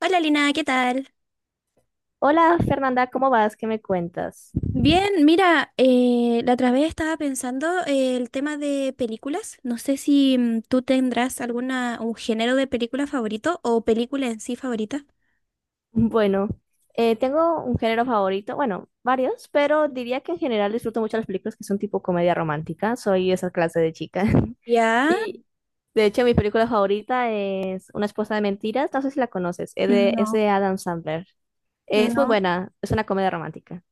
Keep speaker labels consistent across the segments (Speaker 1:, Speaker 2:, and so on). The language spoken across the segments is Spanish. Speaker 1: Hola Lina, ¿qué tal?
Speaker 2: Hola Fernanda, ¿cómo vas? ¿Qué me cuentas?
Speaker 1: Bien, mira, la otra vez estaba pensando el tema de películas. No sé si tú tendrás alguna, un género de película favorito o película en sí favorita.
Speaker 2: Bueno, tengo un género favorito, bueno, varios, pero diría que en general disfruto mucho las películas que son tipo comedia romántica. Soy esa clase de chica.
Speaker 1: Ya,
Speaker 2: Y de hecho, mi película favorita es Una esposa de mentiras. No sé si la conoces, es
Speaker 1: no,
Speaker 2: de Adam Sandler. Es muy
Speaker 1: no,
Speaker 2: buena, es una comedia romántica.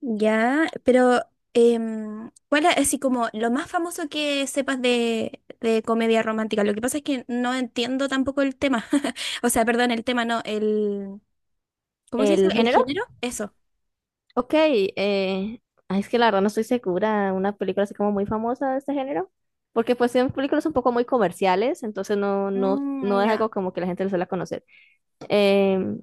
Speaker 1: ya, pero ¿cuál es así como lo más famoso que sepas de comedia romántica? Lo que pasa es que no entiendo tampoco el tema. O sea, perdón, el tema no, el, ¿cómo se dice?
Speaker 2: ¿El
Speaker 1: ¿El
Speaker 2: género?
Speaker 1: género? Eso.
Speaker 2: Ok, ay, es que la verdad no estoy segura, una película así como muy famosa de este género, porque pues son películas un poco muy comerciales, entonces no
Speaker 1: Mm,
Speaker 2: es
Speaker 1: ya.
Speaker 2: algo como que la gente le suele conocer. Em,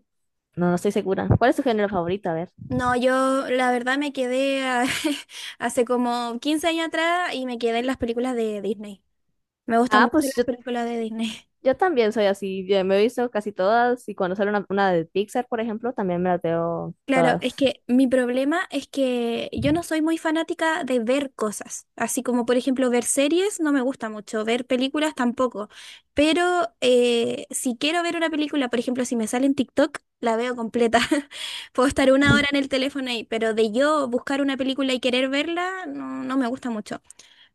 Speaker 2: no, no estoy segura. ¿Cuál es tu género favorito? A ver.
Speaker 1: No, yo la verdad me quedé hace como 15 años atrás y me quedé en las películas de Disney. Me gustan
Speaker 2: Ah,
Speaker 1: mucho las películas de Disney.
Speaker 2: yo también soy así, yo me he visto casi todas y cuando sale una de Pixar, por ejemplo, también me las veo
Speaker 1: Claro, es
Speaker 2: todas.
Speaker 1: que mi problema es que yo no soy muy fanática de ver cosas, así como por ejemplo ver series no me gusta mucho, ver películas tampoco, pero si quiero ver una película, por ejemplo, si me sale en TikTok, la veo completa. Puedo estar una hora en el teléfono ahí, pero de yo buscar una película y querer verla, no, no me gusta mucho.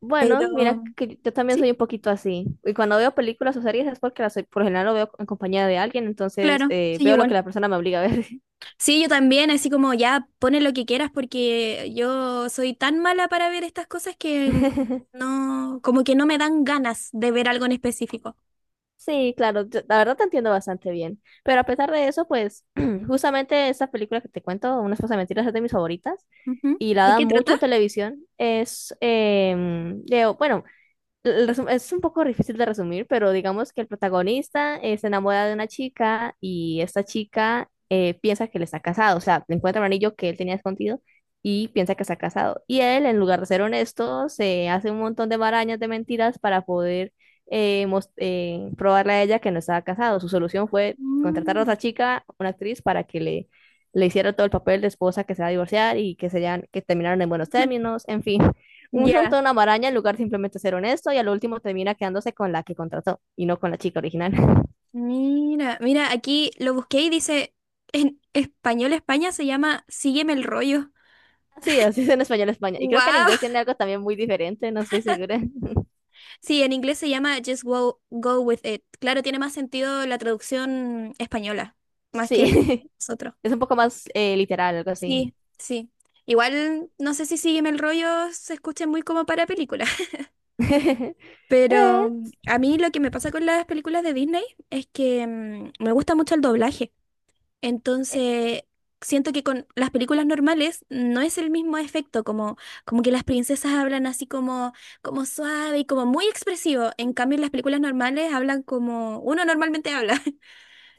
Speaker 2: Bueno, mira
Speaker 1: Pero
Speaker 2: que yo también
Speaker 1: sí,
Speaker 2: soy un poquito así. Y cuando veo películas o series es porque las, por lo general lo veo en compañía de alguien, entonces
Speaker 1: claro, soy
Speaker 2: veo lo que
Speaker 1: igual.
Speaker 2: la persona me obliga a ver.
Speaker 1: Sí, yo también, así como ya pone lo que quieras porque yo soy tan mala para ver estas cosas que no, como que no me dan ganas de ver algo en específico.
Speaker 2: Sí, claro, la verdad te entiendo bastante bien. Pero a pesar de eso, pues justamente esta película que te cuento, Una esposa de mentiras, es de mis favoritas
Speaker 1: Ujú.
Speaker 2: y la
Speaker 1: ¿De
Speaker 2: dan
Speaker 1: qué
Speaker 2: mucho en
Speaker 1: trata?
Speaker 2: televisión. Bueno, Es un poco difícil de resumir, pero digamos que el protagonista se enamora de una chica y esta chica piensa que él está casado, o sea, le encuentra un anillo que él tenía escondido y piensa que está casado. Y él, en lugar de ser honesto, se hace un montón de marañas de mentiras para poder probarle a ella que no estaba casado. Su solución fue contratar a
Speaker 1: Mm,
Speaker 2: otra chica, una actriz, le hiciera todo el papel de esposa que se va a divorciar y que terminaron en buenos términos, en fin usa un
Speaker 1: ya.
Speaker 2: toda una maraña en lugar de simplemente ser honesto y al último termina quedándose con la que contrató y no con la chica original.
Speaker 1: Mira, mira, aquí lo busqué y dice, en español España se llama Sígueme el rollo.
Speaker 2: Sí, así es en español España. Y creo que en
Speaker 1: ¡Wow!
Speaker 2: inglés tiene algo también muy diferente, no estoy segura.
Speaker 1: Sí, en inglés se llama Just Go, Go With It. Claro, tiene más sentido la traducción española, más que
Speaker 2: Sí,
Speaker 1: nosotros.
Speaker 2: es un poco más literal, algo así.
Speaker 1: Sí, sí. Igual no sé si Sígueme el rollo se escuche muy como para película,
Speaker 2: Eh,
Speaker 1: pero a mí lo que me pasa con las películas de Disney es que me gusta mucho el doblaje.
Speaker 2: eh,
Speaker 1: Entonces, siento que con las películas normales no es el mismo efecto, como, como, que las princesas hablan así como suave y como muy expresivo. En cambio, en las películas normales hablan como uno normalmente habla.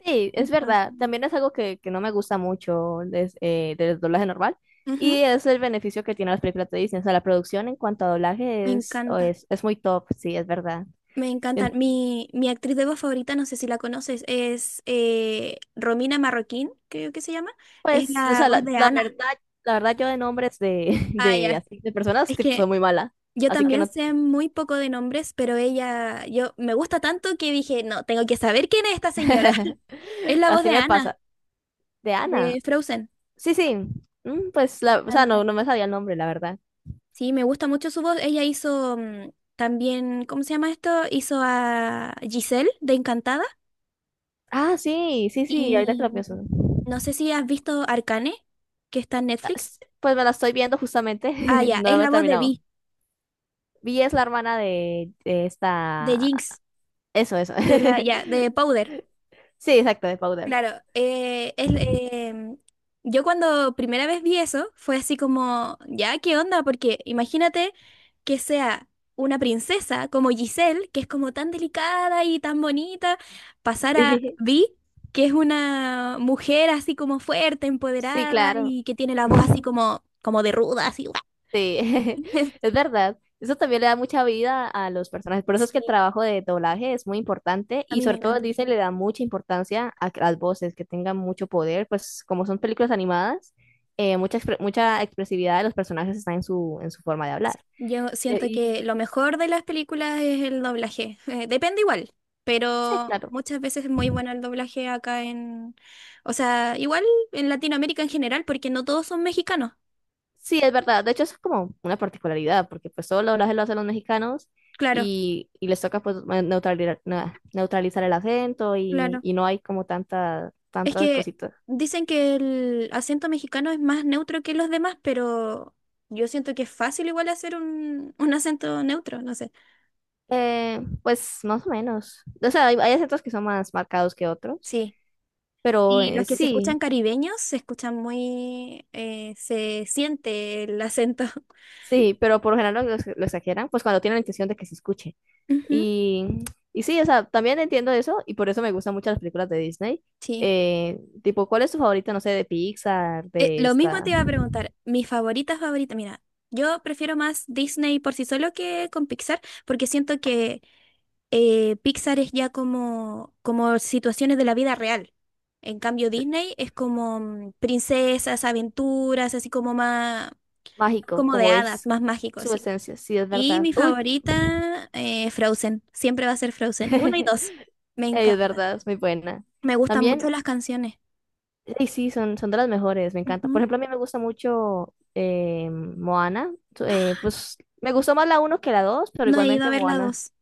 Speaker 2: sí, es
Speaker 1: Entonces,
Speaker 2: verdad. También es algo que no me gusta mucho del doblaje normal.
Speaker 1: ujú,
Speaker 2: Y es el beneficio que tienen las películas de Disney. O sea, la producción en cuanto a
Speaker 1: me
Speaker 2: doblaje
Speaker 1: encanta.
Speaker 2: es muy top, sí, es verdad.
Speaker 1: Me encantan. Mi actriz de voz favorita, no sé si la conoces, es Romina Marroquín, creo que se llama. Es
Speaker 2: Pues, o
Speaker 1: la
Speaker 2: sea,
Speaker 1: voz de Ana.
Speaker 2: la verdad yo de nombres de,
Speaker 1: Ah,
Speaker 2: de
Speaker 1: ya.
Speaker 2: así de personas
Speaker 1: Es
Speaker 2: tipo,
Speaker 1: que
Speaker 2: soy muy mala.
Speaker 1: yo
Speaker 2: Así que
Speaker 1: también
Speaker 2: no.
Speaker 1: sé muy poco de nombres, pero ella, yo me gusta tanto que dije, no, tengo que saber quién es esta señora. Es la voz
Speaker 2: Así
Speaker 1: de
Speaker 2: me
Speaker 1: Ana,
Speaker 2: pasa. De
Speaker 1: de
Speaker 2: Ana.
Speaker 1: Frozen.
Speaker 2: Sí, sí. Mm, pues
Speaker 1: Me
Speaker 2: la, o sea,
Speaker 1: encanta.
Speaker 2: no, no me sabía el nombre, la verdad.
Speaker 1: Sí, me gusta mucho su voz. Ella hizo también, ¿cómo se llama esto? Hizo a Giselle de Encantada.
Speaker 2: Ah, sí, sí, sí, ahorita que
Speaker 1: Y
Speaker 2: lo pienso.
Speaker 1: no sé si has visto Arcane, que está en
Speaker 2: Ah,
Speaker 1: Netflix.
Speaker 2: pues me la estoy viendo justamente.
Speaker 1: Ah, ya,
Speaker 2: No
Speaker 1: es
Speaker 2: la he
Speaker 1: la voz de
Speaker 2: terminado.
Speaker 1: Vi,
Speaker 2: Vi es la hermana de
Speaker 1: de
Speaker 2: esta.
Speaker 1: Jinx,
Speaker 2: Eso, eso.
Speaker 1: ya, de Powder.
Speaker 2: Sí, exacto, de Powder.
Speaker 1: Claro, yo cuando primera vez vi eso fue así como, ya, ¿qué onda? Porque imagínate que sea una princesa como Giselle, que es como tan delicada y tan bonita, pasar a
Speaker 2: Sí,
Speaker 1: Vi, que es una mujer así como fuerte,
Speaker 2: sí,
Speaker 1: empoderada
Speaker 2: claro.
Speaker 1: y que tiene la voz así como, de ruda, así.
Speaker 2: Sí, es verdad. Eso también le da mucha vida a los personajes. Por eso es que el
Speaker 1: Sí,
Speaker 2: trabajo de doblaje es muy importante
Speaker 1: a
Speaker 2: y
Speaker 1: mí me
Speaker 2: sobre todo
Speaker 1: encanta.
Speaker 2: dice le da mucha importancia a que las voces, que tengan mucho poder, pues como son películas animadas, mucha expresividad de los personajes está en su forma de hablar.
Speaker 1: Yo
Speaker 2: Y,
Speaker 1: siento que
Speaker 2: y- y-
Speaker 1: lo mejor de las películas es el doblaje. Depende igual,
Speaker 2: sí,
Speaker 1: pero
Speaker 2: claro.
Speaker 1: muchas veces es muy bueno el doblaje acá en, o sea, igual en Latinoamérica en general, porque no todos son mexicanos.
Speaker 2: Sí, es verdad. De hecho, eso es como una particularidad, porque pues todo el doblaje lo hacen los mexicanos
Speaker 1: Claro,
Speaker 2: y les toca pues neutralizar, neutralizar el acento
Speaker 1: claro.
Speaker 2: y no hay como tanta,
Speaker 1: Es
Speaker 2: tantas
Speaker 1: que
Speaker 2: cositas.
Speaker 1: dicen que el acento mexicano es más neutro que los demás, pero yo siento que es fácil igual hacer un acento neutro, no sé.
Speaker 2: Pues más o menos. O sea, hay acentos que son más marcados que otros,
Speaker 1: Sí.
Speaker 2: pero
Speaker 1: Y los que se escuchan
Speaker 2: sí,
Speaker 1: caribeños se escuchan se siente el acento.
Speaker 2: sí, pero por lo general lo exageran, pues cuando tienen la intención de que se escuche.
Speaker 1: Ujú.
Speaker 2: Y, y sí, o sea, también entiendo eso y por eso me gustan mucho las películas de Disney.
Speaker 1: Sí.
Speaker 2: Tipo, ¿cuál es tu favorita, no sé, de Pixar,
Speaker 1: Lo mismo te iba a preguntar, mi favorita favorita, mira, yo prefiero más Disney por sí solo que con Pixar, porque siento que Pixar es ya como situaciones de la vida real. En cambio,
Speaker 2: de-
Speaker 1: Disney es como princesas, aventuras, así como más,
Speaker 2: mágico,
Speaker 1: como de
Speaker 2: como
Speaker 1: hadas,
Speaker 2: es
Speaker 1: más mágico,
Speaker 2: su
Speaker 1: sí.
Speaker 2: esencia? Sí, es
Speaker 1: Y
Speaker 2: verdad.
Speaker 1: mi
Speaker 2: Uy,
Speaker 1: favorita, Frozen, siempre va a ser Frozen, uno y dos, me
Speaker 2: ey, es
Speaker 1: encanta.
Speaker 2: verdad, es muy buena.
Speaker 1: Me gustan
Speaker 2: También
Speaker 1: mucho las canciones.
Speaker 2: sí, sí, son, son de las mejores, me encanta. Por
Speaker 1: Ujú.
Speaker 2: ejemplo, a mí me gusta mucho Moana. Pues me gustó más la uno que la 2 pero
Speaker 1: No he ido a
Speaker 2: igualmente
Speaker 1: ver la
Speaker 2: Moana.
Speaker 1: dos.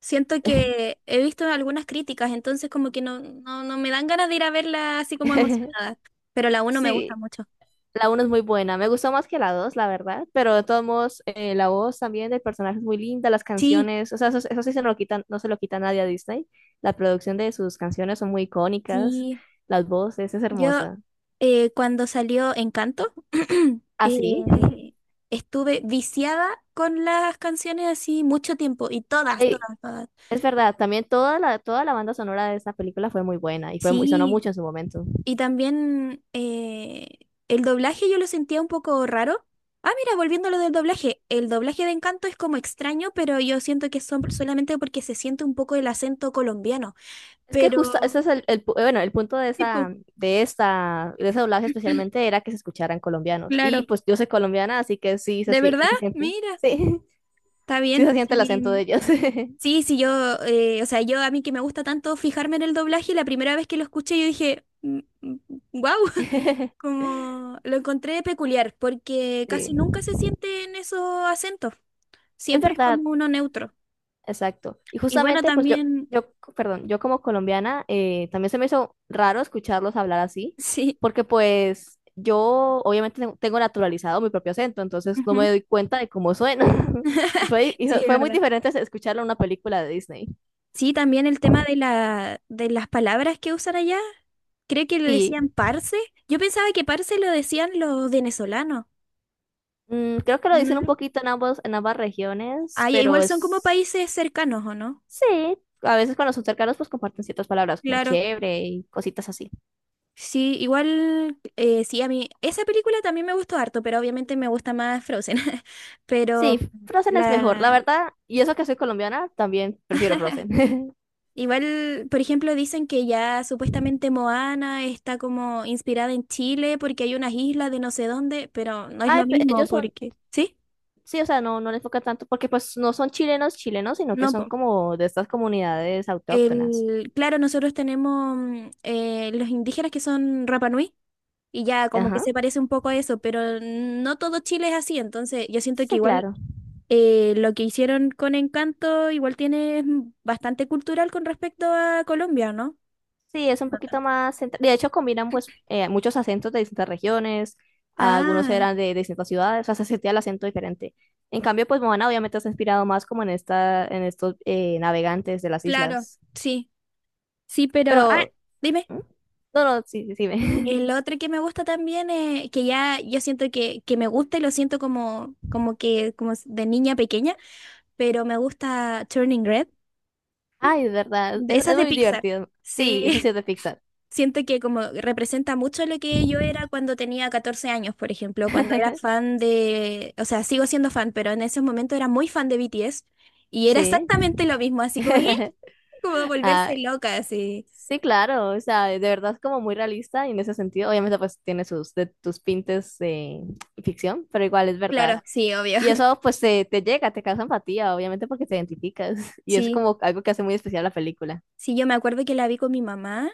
Speaker 1: Siento que he visto algunas críticas, entonces como que no, no, no me dan ganas de ir a verla así como emocionada, pero la uno me gusta
Speaker 2: Sí,
Speaker 1: mucho.
Speaker 2: la uno es muy buena. Me gustó más que la 2 la verdad. Pero de todos modos, la voz también del personaje es muy linda, las
Speaker 1: Sí,
Speaker 2: canciones. O sea, eso sí se lo quitan, no se lo quita nadie a Disney. La producción de sus canciones son muy icónicas.
Speaker 1: sí.
Speaker 2: Las voces, es
Speaker 1: Yo
Speaker 2: hermosa.
Speaker 1: cuando salió Encanto,
Speaker 2: Así.
Speaker 1: eh, estuve viciada con las canciones así mucho tiempo y todas,
Speaker 2: Ey,
Speaker 1: todas, todas.
Speaker 2: es verdad, también toda toda la banda sonora de esa película fue muy buena sonó
Speaker 1: Sí.
Speaker 2: mucho en su momento.
Speaker 1: Y también el doblaje yo lo sentía un poco raro. Ah, mira, volviendo a lo del doblaje. El doblaje de Encanto es como extraño, pero yo siento que son solamente porque se siente un poco el acento colombiano.
Speaker 2: Es que
Speaker 1: Pero,
Speaker 2: justo, ese es bueno, el punto de
Speaker 1: tipo,
Speaker 2: esa, de esta, de ese doblaje especialmente era que se escucharan colombianos. Y
Speaker 1: claro.
Speaker 2: pues yo soy colombiana, así que
Speaker 1: ¿De
Speaker 2: sí
Speaker 1: verdad?
Speaker 2: se siente,
Speaker 1: Mira,
Speaker 2: sí,
Speaker 1: está
Speaker 2: sí se
Speaker 1: bien.
Speaker 2: siente el acento
Speaker 1: Sí,
Speaker 2: de ellos.
Speaker 1: sí, sí, o sea, yo a mí que me gusta tanto fijarme en el doblaje, la primera vez que lo escuché yo dije, wow, como lo encontré peculiar, porque
Speaker 2: Sí,
Speaker 1: casi nunca se sienten esos acentos.
Speaker 2: es
Speaker 1: Siempre es
Speaker 2: verdad.
Speaker 1: como uno neutro.
Speaker 2: Exacto. Y
Speaker 1: Y bueno,
Speaker 2: justamente,
Speaker 1: también,
Speaker 2: perdón, yo como colombiana, también se me hizo raro escucharlos hablar así,
Speaker 1: sí,
Speaker 2: porque pues yo obviamente tengo naturalizado mi propio acento, entonces no
Speaker 1: ujú,
Speaker 2: me doy cuenta de cómo suena. Y
Speaker 1: sí, es
Speaker 2: fue muy
Speaker 1: verdad.
Speaker 2: diferente escucharlo en una película de Disney.
Speaker 1: Sí, también el tema de las palabras que usan allá. Creo que le
Speaker 2: Sí,
Speaker 1: decían parce. Yo pensaba que parce lo decían los venezolanos.
Speaker 2: mm, creo que lo
Speaker 1: No
Speaker 2: dicen un
Speaker 1: lo...
Speaker 2: poquito en ambos, en ambas regiones,
Speaker 1: Ah, ya, igual son como países cercanos, ¿o no?
Speaker 2: sí, a veces cuando son cercanos, pues comparten ciertas palabras como
Speaker 1: Claro.
Speaker 2: chévere y cositas así.
Speaker 1: Sí, igual, sí, a mí, esa película también me gustó harto, pero obviamente me gusta más Frozen. Pero
Speaker 2: Sí, Frozen es mejor, la
Speaker 1: la,
Speaker 2: verdad. Y eso que soy colombiana, también prefiero Frozen.
Speaker 1: igual, por ejemplo, dicen que ya supuestamente Moana está como inspirada en Chile porque hay unas islas de no sé dónde, pero no es
Speaker 2: Ay,
Speaker 1: lo
Speaker 2: pe-
Speaker 1: mismo
Speaker 2: ellos son,
Speaker 1: porque, ¿sí?
Speaker 2: sí, o sea, no les enfoca tanto porque pues no son chilenos chilenos, sino que
Speaker 1: No,
Speaker 2: son
Speaker 1: po.
Speaker 2: como de estas comunidades autóctonas.
Speaker 1: Claro, nosotros tenemos los indígenas que son Rapa Nui y ya como que
Speaker 2: Ajá.
Speaker 1: se parece un poco a eso, pero no todo Chile es así, entonces yo siento que
Speaker 2: Sí,
Speaker 1: igual
Speaker 2: claro.
Speaker 1: lo que hicieron con Encanto igual tiene bastante cultural con respecto a Colombia, ¿no?
Speaker 2: Sí, es un
Speaker 1: No
Speaker 2: poquito
Speaker 1: tanto.
Speaker 2: más. De hecho, combinan pues muchos acentos de distintas regiones. Algunos
Speaker 1: Ah,
Speaker 2: eran de distintas ciudades, o sea, se sentía el acento diferente. En cambio, pues Moana obviamente se ha inspirado más como en esta, en estos navegantes de las
Speaker 1: claro,
Speaker 2: islas.
Speaker 1: sí. Sí, pero, ah,
Speaker 2: Pero,
Speaker 1: dime,
Speaker 2: ¿mm? No, no, sí, sí, sí, ve.
Speaker 1: el otro que me gusta también es que ya yo siento que, me gusta y lo siento como que como de niña pequeña, pero me gusta Turning Red.
Speaker 2: Ay, de verdad,
Speaker 1: Esa
Speaker 2: es
Speaker 1: es de
Speaker 2: muy
Speaker 1: Pixar.
Speaker 2: divertido. Sí, eso
Speaker 1: Sí,
Speaker 2: sí es de Pixar.
Speaker 1: siento que como representa mucho lo que yo era cuando tenía 14 años, por ejemplo, cuando era fan o sea, sigo siendo fan, pero en ese momento era muy fan de BTS y era
Speaker 2: Sí.
Speaker 1: exactamente lo mismo, así como, ¿eh? como
Speaker 2: Ah,
Speaker 1: volverse loca, así.
Speaker 2: sí, claro, o sea, de verdad es como muy realista y en ese sentido, obviamente pues tiene sus de tus pintes de ficción, pero igual es verdad.
Speaker 1: Claro, sí, obvio.
Speaker 2: Y eso pues te llega, te causa empatía, obviamente porque te identificas y es
Speaker 1: Sí,
Speaker 2: como algo que hace muy especial la película.
Speaker 1: sí, yo me acuerdo que la vi con mi mamá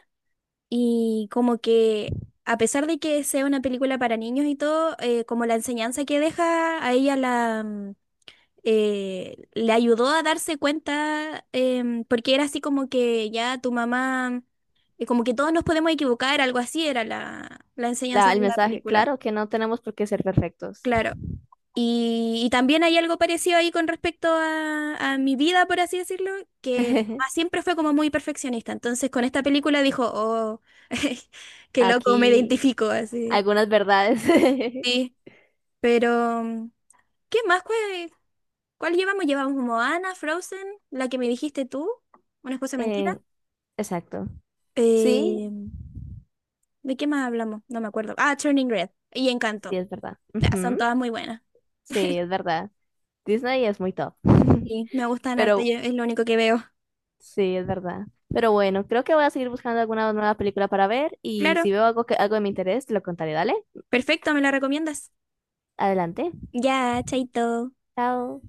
Speaker 1: y como que, a pesar de que sea una película para niños y todo, como la enseñanza que deja a ella le ayudó a darse cuenta, porque era así como que ya tu mamá, como que todos nos podemos equivocar, algo así era la, enseñanza
Speaker 2: La, el
Speaker 1: de la
Speaker 2: mensaje,
Speaker 1: película.
Speaker 2: claro que no tenemos por qué ser perfectos.
Speaker 1: Claro. Y también hay algo parecido ahí con respecto a mi vida, por así decirlo, que mi mamá siempre fue como muy perfeccionista. Entonces con esta película dijo, oh, qué loco, me
Speaker 2: Aquí
Speaker 1: identifico así.
Speaker 2: algunas verdades.
Speaker 1: Sí, pero ¿qué más? ¿Cuál llevamos? Llevamos Moana, Frozen, la que me dijiste tú, una esposa
Speaker 2: Eh,
Speaker 1: mentira.
Speaker 2: exacto. Sí,
Speaker 1: Eh, ¿De qué más hablamos? No me acuerdo. Ah, Turning Red y
Speaker 2: sí,
Speaker 1: Encanto.
Speaker 2: es verdad.
Speaker 1: Ya, son
Speaker 2: Ujú,
Speaker 1: todas muy buenas.
Speaker 2: sí, es verdad. Disney es muy top.
Speaker 1: Sí, me gustan harto,
Speaker 2: Pero
Speaker 1: es lo único que veo.
Speaker 2: sí, es verdad. Pero bueno, creo que voy a seguir buscando alguna nueva película para ver y
Speaker 1: Claro,
Speaker 2: si veo algo que algo de mi interés, te lo contaré. Dale,
Speaker 1: perfecto, ¿me la recomiendas?
Speaker 2: adelante.
Speaker 1: Ya, chaito.
Speaker 2: Chao.